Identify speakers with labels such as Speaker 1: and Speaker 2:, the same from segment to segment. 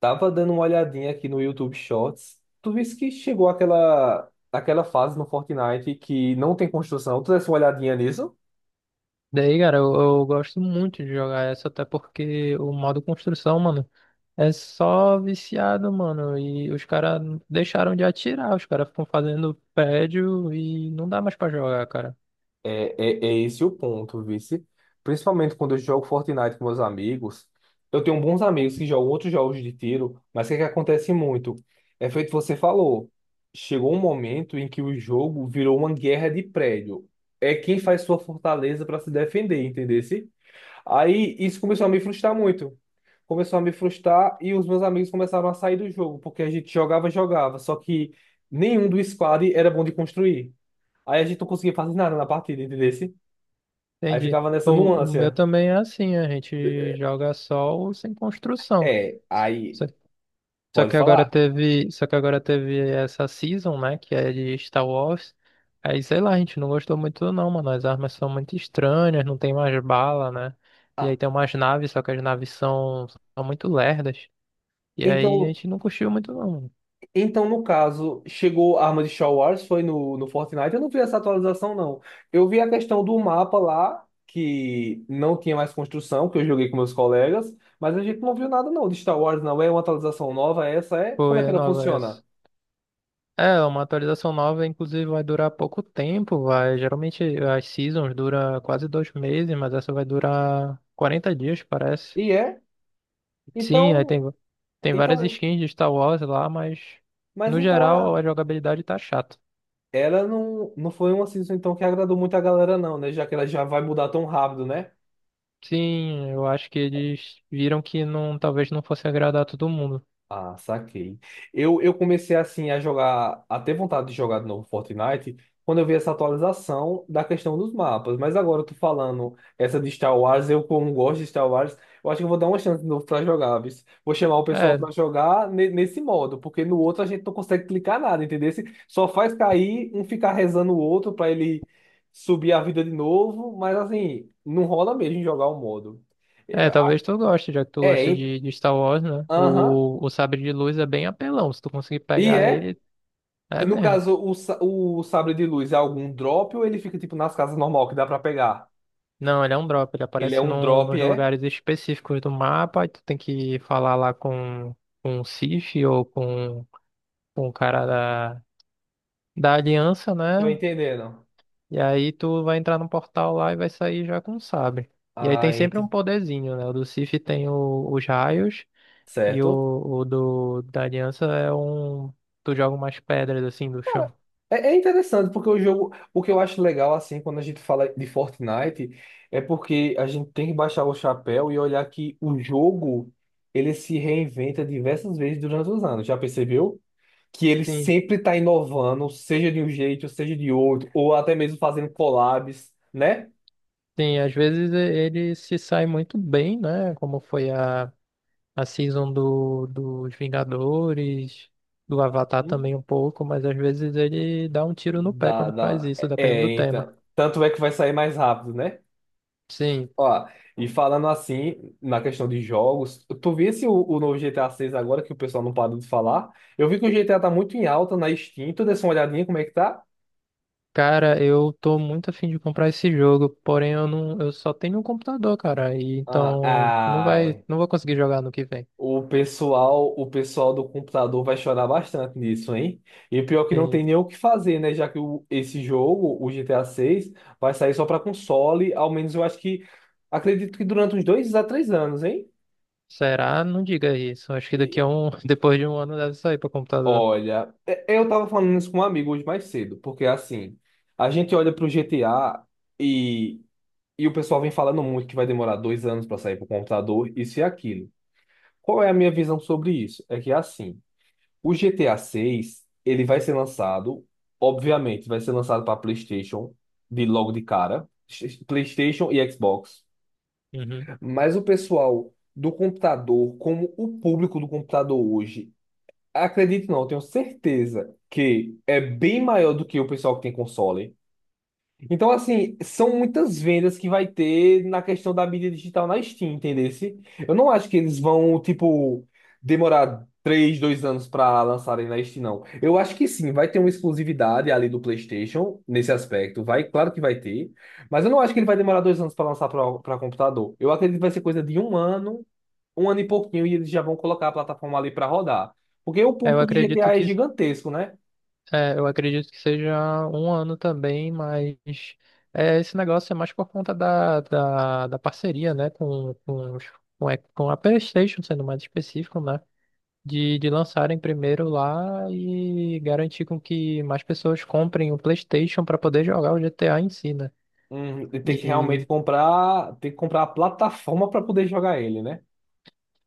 Speaker 1: Tava dando uma olhadinha aqui no YouTube Shorts. Tu viste que chegou aquela fase no Fortnite que não tem construção. Tu desse uma olhadinha nisso?
Speaker 2: Daí, cara, eu gosto muito de jogar essa, até porque o modo construção, mano, é só viciado, mano. E os caras deixaram de atirar, os caras ficam fazendo prédio e não dá mais pra jogar, cara.
Speaker 1: É esse o ponto, vice. Principalmente quando eu jogo Fortnite com meus amigos. Eu tenho bons amigos que jogam outros jogos de tiro, mas o que é que acontece muito? É feito o que você falou. Chegou um momento em que o jogo virou uma guerra de prédio. É quem faz sua fortaleza para se defender, entendeu? Aí isso começou a me frustrar muito. Começou a me frustrar e os meus amigos começaram a sair do jogo, porque a gente jogava, jogava, só que nenhum do squad era bom de construir. Aí a gente não conseguia fazer nada na partida, entendeu? Aí
Speaker 2: Entendi.
Speaker 1: ficava nessa
Speaker 2: O, o
Speaker 1: nuance.
Speaker 2: meu também é assim, a gente joga só o sem construção.
Speaker 1: É, aí
Speaker 2: Só
Speaker 1: pode
Speaker 2: que agora
Speaker 1: falar.
Speaker 2: teve, só que agora teve essa season, né, que é de Star Wars. Aí, sei lá, a gente não gostou muito não, mano. As armas são muito estranhas, não tem mais bala, né? E aí
Speaker 1: Ah,
Speaker 2: tem umas naves, só que as naves são muito lerdas. E aí a
Speaker 1: então.
Speaker 2: gente não curtiu muito não, mano.
Speaker 1: Então, no caso, chegou a arma de Star Wars, foi no Fortnite. Eu não vi essa atualização, não. Eu vi a questão do mapa lá, que não tinha mais construção, que eu joguei com meus colegas, mas a gente não viu nada, não, de Star Wars, não. É uma atualização nova, é essa é? Como é
Speaker 2: Foi
Speaker 1: que
Speaker 2: a
Speaker 1: ela
Speaker 2: nova essa.
Speaker 1: funciona?
Speaker 2: É, uma atualização nova, inclusive, vai durar pouco tempo, vai. Geralmente as seasons duram quase dois meses, mas essa vai durar 40 dias, parece.
Speaker 1: E é?
Speaker 2: Sim,
Speaker 1: Então,
Speaker 2: tem várias
Speaker 1: então,
Speaker 2: skins de Star Wars lá, mas
Speaker 1: mas
Speaker 2: no
Speaker 1: então a,
Speaker 2: geral a jogabilidade tá chata.
Speaker 1: ela não, não foi uma season então que agradou muito a galera, não, né? Já que ela já vai mudar tão rápido, né?
Speaker 2: Sim, eu acho que eles viram que não, talvez não fosse agradar todo mundo.
Speaker 1: Ah, saquei. Eu comecei assim a jogar, a ter vontade de jogar de novo Fortnite quando eu vi essa atualização da questão dos mapas. Mas agora eu tô falando essa de Star Wars, eu como gosto de Star Wars, eu acho que eu vou dar uma chance de novo pra jogar, viu? Vou chamar o pessoal
Speaker 2: É,
Speaker 1: pra jogar nesse modo, porque no outro a gente não consegue clicar nada, entendeu? Só faz cair, um ficar rezando o outro pra ele subir a vida de novo, mas assim, não rola mesmo jogar o modo.
Speaker 2: é,
Speaker 1: É,
Speaker 2: talvez tu goste, já que tu
Speaker 1: é,
Speaker 2: gosta
Speaker 1: hein?
Speaker 2: de Star Wars, né?
Speaker 1: Aham.
Speaker 2: O sabre de luz é bem apelão, se tu conseguir
Speaker 1: E
Speaker 2: pegar
Speaker 1: é.
Speaker 2: ele, é
Speaker 1: No
Speaker 2: mesmo.
Speaker 1: caso, o sabre de luz é algum drop ou ele fica tipo nas casas normal que dá pra pegar?
Speaker 2: Não, ele é um drop, ele
Speaker 1: Ele é
Speaker 2: aparece
Speaker 1: um
Speaker 2: num,
Speaker 1: drop,
Speaker 2: nos
Speaker 1: é?
Speaker 2: lugares específicos do mapa, e tu tem que falar lá com o Sith ou com o cara da aliança,
Speaker 1: Tô
Speaker 2: né?
Speaker 1: entendendo.
Speaker 2: E aí tu vai entrar no portal lá e vai sair já com o sabre. E aí
Speaker 1: Ah,
Speaker 2: tem sempre um
Speaker 1: ent-
Speaker 2: poderzinho, né? O do Sif tem os raios e
Speaker 1: certo.
Speaker 2: o do da Aliança é um. Tu joga umas pedras assim do chão.
Speaker 1: É, é interessante porque o jogo, o que eu acho legal assim quando a gente fala de Fortnite é porque a gente tem que baixar o chapéu e olhar que o jogo ele se reinventa diversas vezes durante os anos. Já percebeu? Que ele
Speaker 2: Sim,
Speaker 1: sempre está inovando, seja de um jeito, seja de outro, ou até mesmo fazendo collabs, né?
Speaker 2: sim, às vezes ele se sai muito bem, né? Como foi a season do, dos Vingadores, do Avatar também um pouco, mas às vezes ele dá um tiro no pé
Speaker 1: Dá,
Speaker 2: quando faz
Speaker 1: dá.
Speaker 2: isso, dependendo
Speaker 1: É,
Speaker 2: do tema.
Speaker 1: então. Tanto é que vai sair mais rápido, né?
Speaker 2: Sim.
Speaker 1: Ó, e falando assim, na questão de jogos, tu visse o novo GTA 6 agora, que o pessoal não parou de falar? Eu vi que o GTA tá muito em alta na Steam. Tu desse uma olhadinha como é que tá?
Speaker 2: Cara, eu tô muito afim de comprar esse jogo, porém eu não, eu só tenho um computador, cara, e
Speaker 1: Ah,
Speaker 2: então
Speaker 1: ai.
Speaker 2: não vou conseguir jogar no que vem.
Speaker 1: O pessoal do computador vai chorar bastante nisso, hein? E pior que não
Speaker 2: Sim.
Speaker 1: tem nem o que fazer, né? Já que o, esse jogo, o GTA 6, vai sair só para console, ao menos eu acho que, acredito que durante uns 2 a 3 anos, hein?
Speaker 2: Será? Não diga isso. Acho que daqui a um, depois de um ano deve sair para computador.
Speaker 1: Olha, é, eu tava falando isso com um amigo hoje mais cedo, porque assim, a gente olha pro GTA e, e o pessoal vem falando muito que vai demorar 2 anos para sair pro computador, isso e aquilo. Qual é a minha visão sobre isso? É que assim, o GTA 6, ele vai ser lançado, obviamente, vai ser lançado para PlayStation de logo de cara, PlayStation e Xbox.
Speaker 2: Uhum.
Speaker 1: Mas o pessoal do computador, como o público do computador hoje, acredito não, eu tenho certeza que é bem maior do que o pessoal que tem console. Então, assim, são muitas vendas que vai ter na questão da mídia digital na Steam, entendesse? Eu não acho que eles vão, tipo, demorar 3, 2 anos para lançarem na Steam, não. Eu acho que sim, vai ter uma exclusividade ali do PlayStation nesse aspecto. Vai, claro que vai ter. Mas eu não acho que ele vai demorar 2 anos para lançar para computador. Eu acredito que vai ser coisa de 1 ano, um ano e pouquinho, e eles já vão colocar a plataforma ali para rodar. Porque o
Speaker 2: É, eu
Speaker 1: público do
Speaker 2: acredito
Speaker 1: GTA é gigantesco, né?
Speaker 2: é, eu acredito que seja um ano também, mas é, esse negócio é mais por conta da parceria, né, com com a PlayStation, sendo mais específico, né? De lançarem primeiro lá e garantir com que mais pessoas comprem o PlayStation para poder jogar o GTA em si, né?
Speaker 1: E tem que
Speaker 2: E
Speaker 1: realmente comprar, tem que comprar a plataforma para poder jogar ele, né?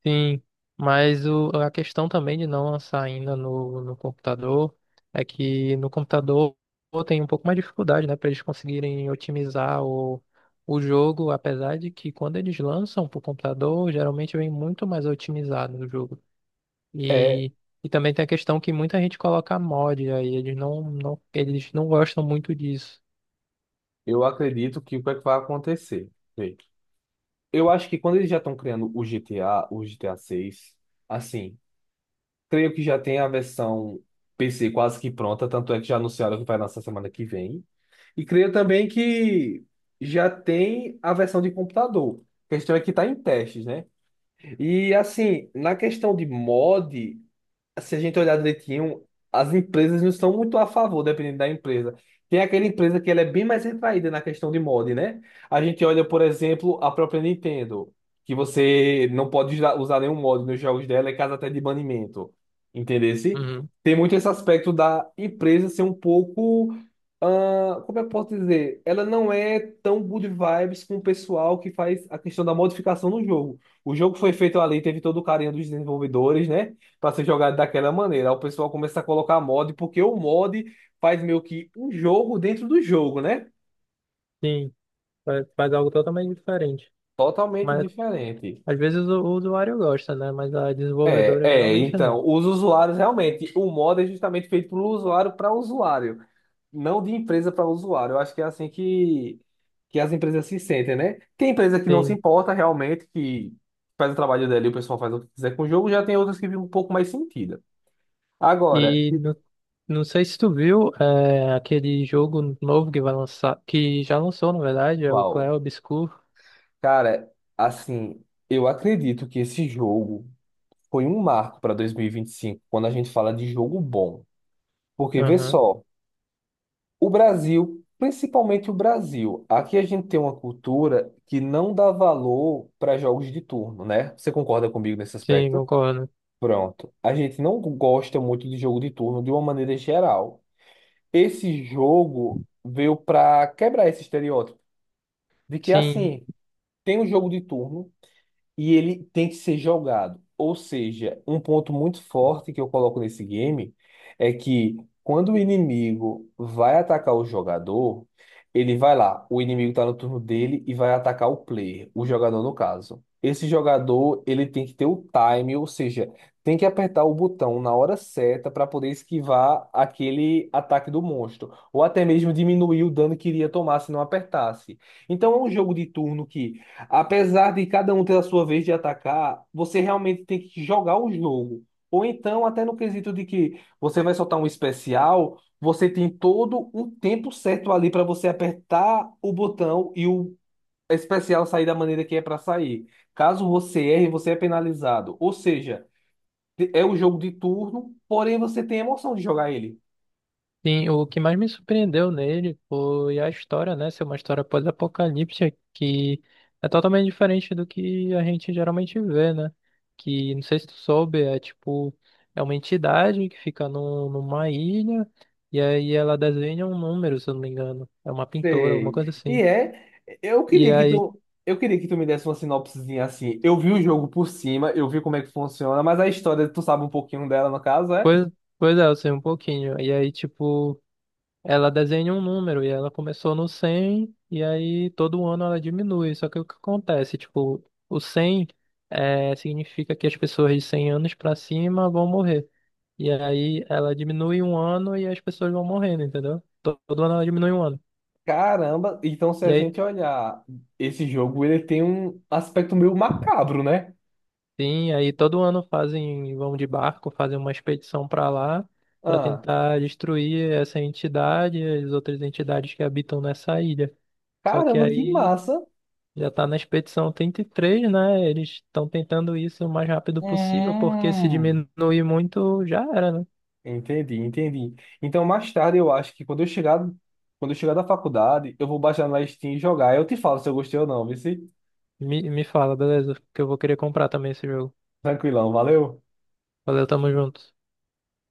Speaker 2: sim, mas a questão também de não lançar ainda no computador é que no computador tem um pouco mais de dificuldade, né, para eles conseguirem otimizar o jogo, apesar de que quando eles lançam para o computador, geralmente vem muito mais otimizado o jogo.
Speaker 1: É,
Speaker 2: E, e também tem a questão que muita gente coloca mod aí, eles eles não gostam muito disso.
Speaker 1: eu acredito que o que é que vai acontecer. Vê, eu acho que quando eles já estão criando o GTA, o GTA 6, assim, creio que já tem a versão PC quase que pronta, tanto é que já anunciaram que vai lançar semana que vem. E creio também que já tem a versão de computador. A questão é que está em testes, né? E assim, na questão de mod, se a gente olhar direitinho, as empresas não são muito a favor, dependendo da empresa. Tem aquela empresa que ela é bem mais retraída na questão de mod, né? A gente olha, por exemplo, a própria Nintendo, que você não pode usar nenhum mod nos jogos dela, é caso até de banimento. Entendesse?
Speaker 2: Uhum.
Speaker 1: Tem muito esse aspecto da empresa ser um pouco. Ah, como eu posso dizer? Ela não é tão good vibes com o pessoal que faz a questão da modificação no jogo. O jogo foi feito ali, teve todo o carinho dos desenvolvedores, né? Para ser jogado daquela maneira. Aí o pessoal começa a colocar mod, porque o mod faz meio que um jogo dentro do jogo, né?
Speaker 2: Sim, faz algo totalmente diferente.
Speaker 1: Totalmente
Speaker 2: Mas
Speaker 1: diferente.
Speaker 2: às vezes o usuário gosta, né? Mas a
Speaker 1: É,
Speaker 2: desenvolvedora
Speaker 1: é,
Speaker 2: geralmente
Speaker 1: então,
Speaker 2: não.
Speaker 1: os usuários realmente, o mod é justamente feito para o usuário para usuário, não de empresa para usuário. Eu acho que é assim que as empresas se sentem, né? Tem empresa que não se
Speaker 2: Sim.
Speaker 1: importa realmente, que faz o trabalho dela e o pessoal faz o que quiser com o jogo, já tem outras que vivem um pouco mais sentido. Agora,
Speaker 2: E no, não sei se tu viu é, aquele jogo novo que vai lançar, que já lançou, na verdade, é o
Speaker 1: pessoal.
Speaker 2: Clair Obscur.
Speaker 1: Cara, assim, eu acredito que esse jogo foi um marco para dois mil e vinte e cinco quando a gente fala de jogo bom. Porque vê
Speaker 2: Aham.
Speaker 1: só, o Brasil, principalmente o Brasil, aqui a gente tem uma cultura que não dá valor para jogos de turno, né? Você concorda comigo nesse
Speaker 2: Sim,
Speaker 1: aspecto?
Speaker 2: concordo.
Speaker 1: Pronto. A gente não gosta muito de jogo de turno de uma maneira geral. Esse jogo veio para quebrar esse estereótipo de que
Speaker 2: Sim.
Speaker 1: assim, tem um jogo de turno e ele tem que ser jogado. Ou seja, um ponto muito forte que eu coloco nesse game é que quando o inimigo vai atacar o jogador, ele vai lá, o inimigo está no turno dele e vai atacar o player, o jogador no caso. Esse jogador, ele tem que ter o time, ou seja, tem que apertar o botão na hora certa para poder esquivar aquele ataque do monstro, ou até mesmo diminuir o dano que iria tomar se não apertasse. Então é um jogo de turno que, apesar de cada um ter a sua vez de atacar, você realmente tem que jogar o jogo. Ou então, até no quesito de que você vai soltar um especial, você tem todo um tempo certo ali para você apertar o botão e o especial sair da maneira que é para sair. Caso você erre, você é penalizado. Ou seja, é o jogo de turno, porém você tem a emoção de jogar ele.
Speaker 2: Sim, o que mais me surpreendeu nele foi a história, né? Ser uma história pós-apocalíptica que é totalmente diferente do que a gente geralmente vê, né? Que, não sei se tu soube, é tipo, é uma entidade que fica no, numa ilha e aí ela desenha um número, se eu não me engano. É uma pintora, alguma coisa
Speaker 1: Sei. E
Speaker 2: assim.
Speaker 1: é, eu
Speaker 2: E
Speaker 1: queria que
Speaker 2: aí,
Speaker 1: tu, eu queria que tu me desse uma sinopsezinha assim. Eu vi o jogo por cima, eu vi como é que funciona, mas a história, tu sabe um pouquinho dela, no caso, é?
Speaker 2: pois, pois é, eu sei um pouquinho. E aí, tipo. Ela desenha um número e ela começou no 100 e aí todo ano ela diminui. Só que o que acontece, tipo, o 100 é, significa que as pessoas de 100 anos pra cima vão morrer. E aí ela diminui um ano e as pessoas vão morrendo, entendeu? Todo ano ela diminui um ano.
Speaker 1: Caramba, então se
Speaker 2: E
Speaker 1: a
Speaker 2: aí
Speaker 1: gente olhar esse jogo, ele tem um aspecto meio macabro, né?
Speaker 2: sim, aí todo ano fazem, vão de barco, fazem uma expedição pra lá pra
Speaker 1: Ah,
Speaker 2: tentar destruir essa entidade e as outras entidades que habitam nessa ilha. Só que
Speaker 1: caramba, que
Speaker 2: aí
Speaker 1: massa.
Speaker 2: já está na expedição 33, né? Eles estão tentando isso o mais rápido possível, porque se
Speaker 1: Hum,
Speaker 2: diminuir muito, já era, né?
Speaker 1: entendi, entendi. Então mais tarde eu acho que quando eu chegar da faculdade, eu vou baixar na Steam e jogar. Eu te falo se eu gostei ou não, viu? Se?
Speaker 2: Me fala, beleza? Que eu vou querer comprar também esse jogo.
Speaker 1: Tranquilão, valeu.
Speaker 2: Valeu, tamo junto.